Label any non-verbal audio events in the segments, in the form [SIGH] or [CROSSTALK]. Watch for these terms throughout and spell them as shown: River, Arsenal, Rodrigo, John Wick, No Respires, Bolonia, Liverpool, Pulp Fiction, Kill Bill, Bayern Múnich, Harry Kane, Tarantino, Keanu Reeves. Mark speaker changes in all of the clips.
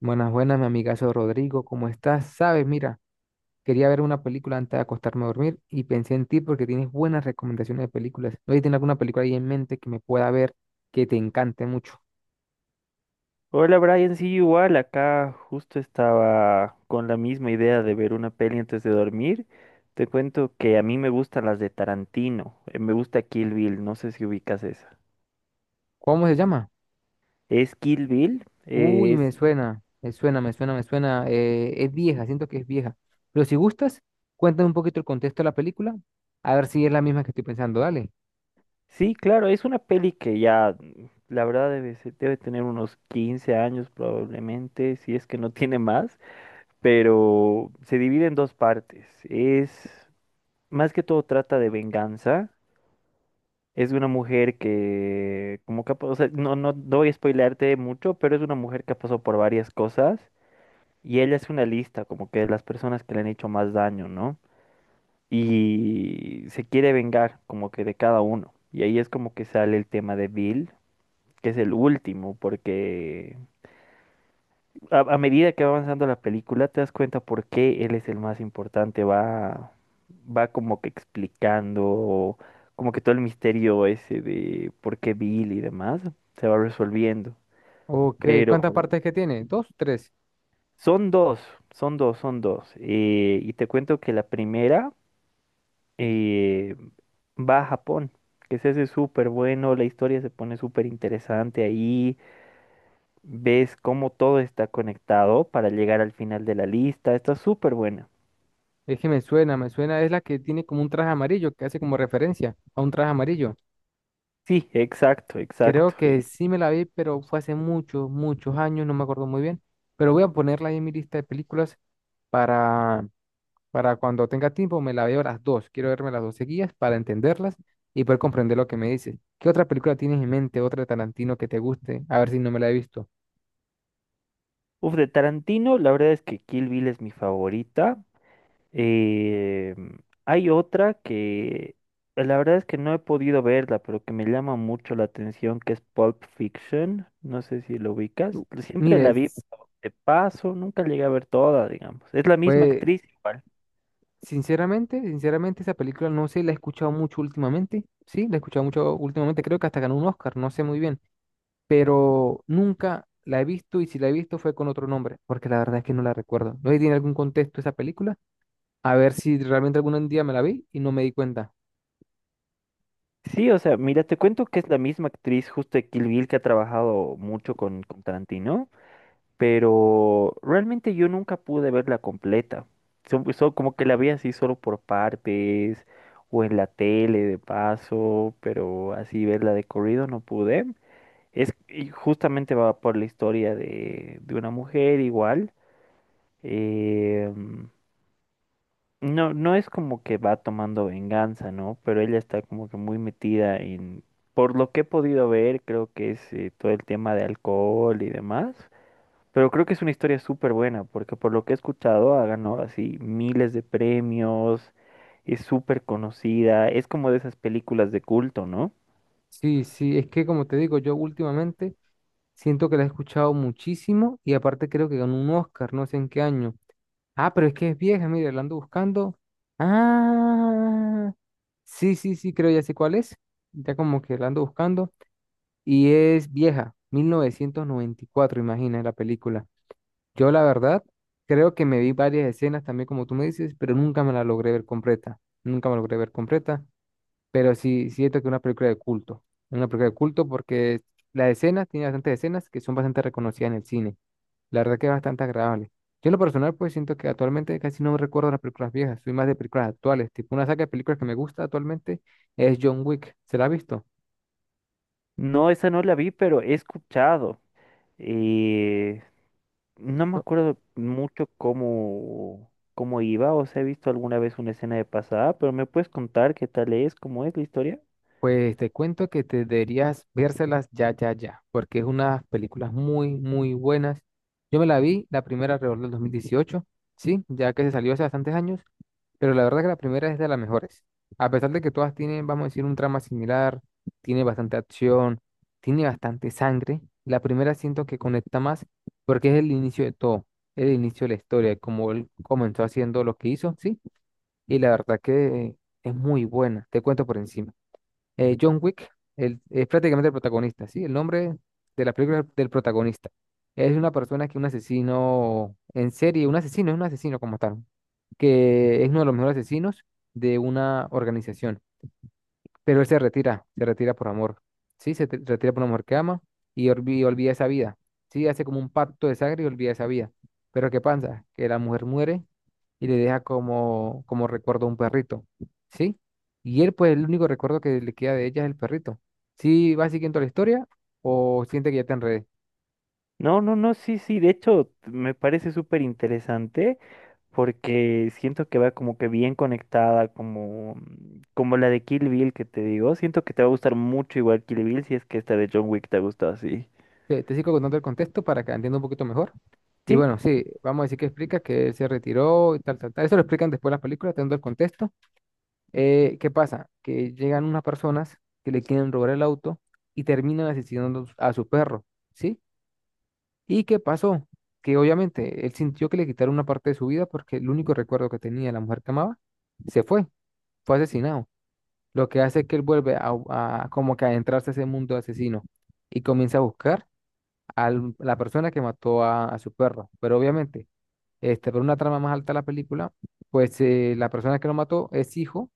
Speaker 1: Buenas, buenas, mi amigazo Rodrigo, ¿cómo estás? Sabes, mira, quería ver una película antes de acostarme a dormir y pensé en ti porque tienes buenas recomendaciones de películas. ¿No tienes alguna película ahí en mente que me pueda ver que te encante mucho?
Speaker 2: Hola Brian, sí, igual, acá justo estaba con la misma idea de ver una peli antes de dormir. Te cuento que a mí me gustan las de Tarantino, me gusta Kill Bill, no sé si ubicas esa.
Speaker 1: ¿Cómo se llama?
Speaker 2: ¿Es Kill Bill?
Speaker 1: Uy, me suena, me suena, me suena, me suena. Es vieja, siento que es vieja. Pero si gustas, cuéntame un poquito el contexto de la película, a ver si es la misma que estoy pensando, dale.
Speaker 2: Sí, claro, es una peli que ya, la verdad, debe tener unos 15 años probablemente, si es que no [LAUGHS] tiene más, pero se divide en dos partes. Más que todo trata de venganza. Es una mujer que, como que, o sea, no, no no voy a spoilearte mucho, pero es una mujer que ha pasado por varias cosas y ella hace una lista, como que de las personas que le han hecho más daño, ¿no? Y se quiere vengar, como que de cada uno. Y ahí es como que sale el tema de Bill, que es el último, porque a medida que va avanzando la película, te das cuenta por qué él es el más importante. Va como que explicando, como que todo el misterio ese de por qué Bill y demás se va resolviendo.
Speaker 1: Ok,
Speaker 2: Pero
Speaker 1: ¿cuántas partes que tiene? ¿Dos, tres?
Speaker 2: son dos, son dos, son dos. Y te cuento que la primera eh, va a Japón, que se hace súper bueno, la historia se pone súper interesante ahí. Ves cómo todo está conectado para llegar al final de la lista. Está súper buena.
Speaker 1: Es que me suena, es la que tiene como un traje amarillo, que hace como referencia a un traje amarillo.
Speaker 2: Sí, exacto,
Speaker 1: Creo
Speaker 2: exacto.
Speaker 1: que sí me la vi, pero fue hace muchos, muchos años, no me acuerdo muy bien. Pero voy a ponerla ahí en mi lista de películas para, para cuando tenga tiempo me la veo las dos. Quiero verme las dos seguidas para entenderlas y poder comprender lo que me dice. ¿Qué otra película tienes en mente, otra de Tarantino que te guste? A ver si no me la he visto.
Speaker 2: Uf, de Tarantino, la verdad es que Kill Bill es mi favorita. Eh, hay otra que la verdad es que no he podido verla, pero que me llama mucho la atención, que es Pulp Fiction. No sé si lo ubicas.
Speaker 1: U-
Speaker 2: Siempre
Speaker 1: Mire,
Speaker 2: la vi de paso, nunca llegué a ver toda, digamos. Es la misma
Speaker 1: pues
Speaker 2: actriz igual.
Speaker 1: sinceramente, sinceramente esa película no sé, la he escuchado mucho últimamente. Sí, la he escuchado mucho últimamente. Creo que hasta ganó un Oscar, no sé muy bien. Pero nunca la he visto y si la he visto fue con otro nombre, porque la verdad es que no la recuerdo. No sé si tiene algún contexto esa película, a ver si realmente algún día me la vi y no me di cuenta.
Speaker 2: Sí, o sea, mira, te cuento que es la misma actriz justo de Kill Bill que ha trabajado mucho con, Tarantino. Pero realmente yo nunca pude verla completa. Son como que la vi así solo por partes o en la tele de paso, pero así verla de corrido no pude. Es y justamente va por la historia de una mujer igual. eh, no, no es como que va tomando venganza, ¿no? Pero ella está como que muy metida en, por lo que he podido ver, creo que es todo el tema de alcohol y demás. Pero creo que es una historia súper buena, porque por lo que he escuchado ha ganado así miles de premios, es súper conocida, es como de esas películas de culto, ¿no?
Speaker 1: Sí, sí, es que como te digo, yo últimamente siento que la he escuchado muchísimo y aparte creo que ganó un Oscar, no sé en qué año. Ah, pero es que es vieja, mire, la ando buscando. Ah, sí, sí, sí, creo ya sé cuál es. Ya como que la ando buscando y es vieja, 1994, imagina la película. Yo la verdad creo que me vi varias escenas también como tú me dices, pero nunca me la logré ver completa. Nunca me la logré ver completa, pero sí siento que es una película de culto. Una película de culto porque las escenas, tiene bastantes escenas que son bastante reconocidas en el cine. La verdad que es bastante agradable. Yo en lo personal pues siento que actualmente casi no recuerdo las películas viejas, soy más de películas actuales. Tipo una saga de películas que me gusta actualmente es John Wick. ¿Se la ha visto?
Speaker 2: No, esa no la vi, pero he escuchado. eh, no me acuerdo mucho cómo iba, o sea, he visto alguna vez una escena de pasada, pero ¿me puedes contar qué tal es, cómo es la historia?
Speaker 1: Pues te cuento que te deberías vérselas ya, ya, ya, porque es unas películas muy, muy buenas. Yo me la vi, la primera alrededor del 2018, sí, ya que se salió hace bastantes años, pero la verdad que la primera es de las mejores. A pesar de que todas tienen, vamos a decir, un trama similar, tiene bastante acción, tiene bastante sangre, la primera siento que conecta más porque es el inicio de todo, el inicio de la historia, como él comenzó haciendo lo que hizo, sí, y la verdad que es muy buena, te cuento por encima. John Wick es prácticamente el protagonista, ¿sí? El nombre de la película del protagonista. Es una persona que es un asesino en serie, un asesino, es un asesino como tal, que es uno de los mejores asesinos de una organización. Pero él se retira por amor. Sí, se retira por una mujer que ama y olvida esa vida. Sí, hace como un pacto de sangre y olvida esa vida. Pero ¿qué pasa? Que la mujer muere y le deja como recuerdo un perrito. ¿Sí? Y él, pues, el único recuerdo que le queda de ella es el perrito. ¿Sí va siguiendo la historia o siente que ya te enredé?
Speaker 2: No, no, no, sí, sí, de hecho me parece súper interesante. Porque siento que va como que bien conectada, como la de Kill Bill que te digo. Siento que te va a gustar mucho igual Kill Bill si es que esta de John Wick te gustó así.
Speaker 1: Te sigo contando el contexto para que entienda un poquito mejor. Y
Speaker 2: Sí,
Speaker 1: bueno, sí, vamos a decir que explica que él se retiró y tal, tal, tal. Eso lo explican después en las películas, teniendo el contexto. ¿Qué pasa? Que llegan unas personas que le quieren robar el auto y terminan asesinando a su perro, ¿sí? ¿Y qué pasó? Que obviamente él sintió que le quitaron una parte de su vida porque el único recuerdo que tenía de la mujer que amaba se fue, fue asesinado. Lo que hace que él vuelve a como que adentrarse a ese mundo de asesino y comienza a buscar a la persona que mató a su perro. Pero obviamente, este, por una trama más alta de la película, pues la persona que lo mató es hijo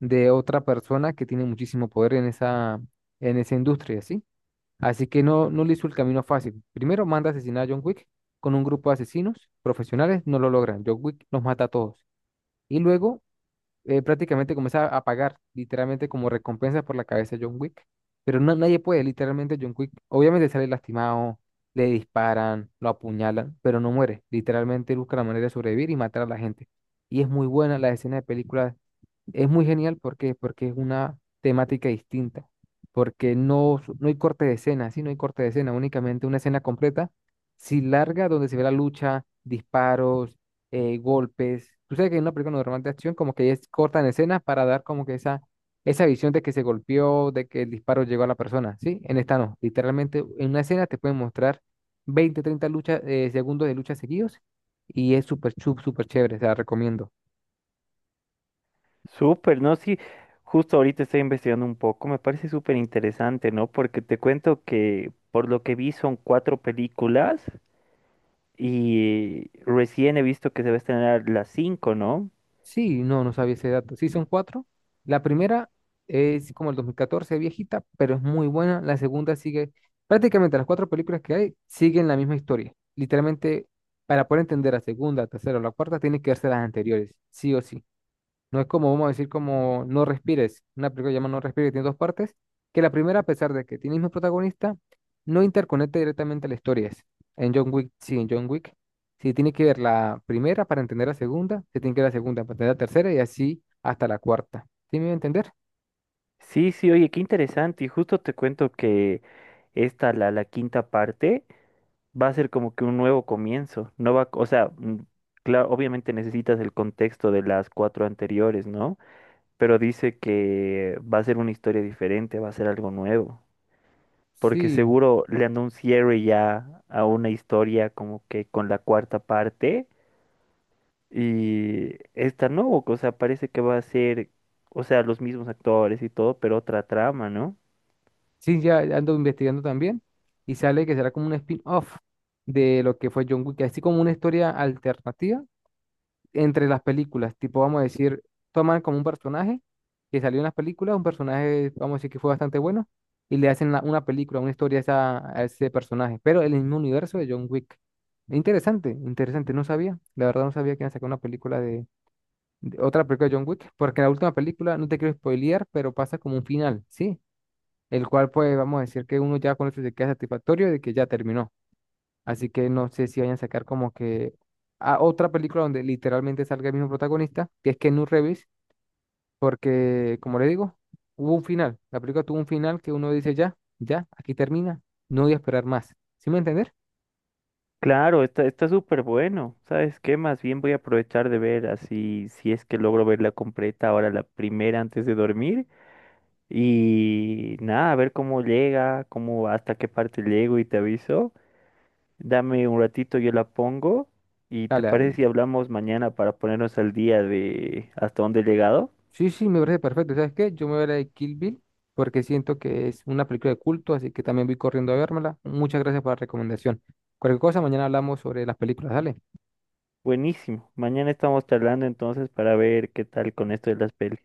Speaker 1: de otra persona que tiene muchísimo poder en en esa industria, ¿sí? Así que no, no le hizo el camino fácil. Primero manda a asesinar a John Wick con un grupo de asesinos profesionales, no lo logran. John Wick los mata a todos. Y luego prácticamente comienza a pagar, literalmente como recompensa por la cabeza de John Wick. Pero no, nadie puede, literalmente John Wick, obviamente sale lastimado, le disparan, lo apuñalan, pero no muere. Literalmente busca la manera de sobrevivir y matar a la gente. Y es muy buena la escena de película, es muy genial porque, es una temática distinta, porque no, no hay corte de escena, sí, no hay corte de escena, únicamente una escena completa, sí larga, donde se ve la lucha, disparos, golpes. Tú sabes que en una película normal de acción como que es corta en escena para dar como que esa visión de que se golpeó, de que el disparo llegó a la persona, ¿sí? En esta no, literalmente en una escena te pueden mostrar 20 30 luchas, segundos de lucha seguidos y es súper, súper chévere, te la recomiendo.
Speaker 2: súper, ¿no? Sí, justo ahorita estoy investigando un poco, me parece súper interesante, ¿no? Porque te cuento que por lo que vi son cuatro películas y recién he visto que se va a estrenar las cinco, ¿no?
Speaker 1: Sí, no, no sabía ese dato. Sí, son cuatro. La primera es como el 2014, viejita, pero es muy buena. La segunda sigue, prácticamente las cuatro películas que hay siguen la misma historia. Literalmente, para poder entender la segunda, la tercera o la cuarta, tiene que verse las anteriores, sí o sí. No es como, vamos a decir, como No Respires, una película que se llama No Respires, que tiene dos partes, que la primera, a pesar de que tiene el mismo protagonista, no interconecta directamente a la historia. En John Wick, sí, en John Wick, sí, tiene que ver la primera para entender la segunda, se tiene que ver la segunda para entender la tercera y así hasta la cuarta. ¿Sí me voy a entender?
Speaker 2: Sí, sí, oye, qué interesante. Y justo te cuento que la quinta parte. Va a ser como que un nuevo comienzo. No va, o sea, claro, obviamente necesitas el contexto de las cuatro anteriores, ¿no? Pero dice que va a ser una historia diferente, va a ser algo nuevo. Porque
Speaker 1: Sí,
Speaker 2: seguro le andó un cierre ya a una historia como que con la cuarta parte. Y esta no, o sea, parece que va a ser, o sea, los mismos actores y todo, pero otra trama, ¿no?
Speaker 1: sí, ya ando investigando también y sale que será como un spin-off de lo que fue John Wick, así como una historia alternativa entre las películas, tipo, vamos a decir, toman como un personaje que salió en las películas, un personaje, vamos a decir que fue bastante bueno, y le hacen una película, una historia a ese personaje, pero en el mismo universo de John Wick. Interesante, interesante, no sabía, la verdad no sabía que iban a sacar una película otra película de John Wick, porque la última película, no te quiero spoilear, pero pasa como un final, ¿sí? El cual pues vamos a decir que uno ya con eso se queda satisfactorio de que ya terminó. Así que no sé si vayan a sacar como que a otra película donde literalmente salga el mismo protagonista, que es Keanu Reeves, porque como le digo, hubo un final. La película tuvo un final que uno dice ya, ya, aquí termina, no voy a esperar más. ¿Sí me va a entender?
Speaker 2: Claro, está súper bueno. ¿Sabes qué? Más bien voy a aprovechar de ver así si es que logro verla completa ahora la primera antes de dormir. Y nada, a ver cómo llega, cómo hasta qué parte llego y te aviso. Dame un ratito, yo la pongo. ¿Y te
Speaker 1: Dale, dale.
Speaker 2: parece si hablamos mañana para ponernos al día de hasta dónde he llegado?
Speaker 1: Sí, sí, me parece perfecto. ¿Sabes qué? Yo me voy a ver la de Kill Bill porque siento que es una película de culto, así que también voy corriendo a vérmela. Muchas gracias por la recomendación. Cualquier cosa, mañana hablamos sobre las películas. Dale.
Speaker 2: Buenísimo. Mañana estamos charlando entonces para ver qué tal con esto de las pelis.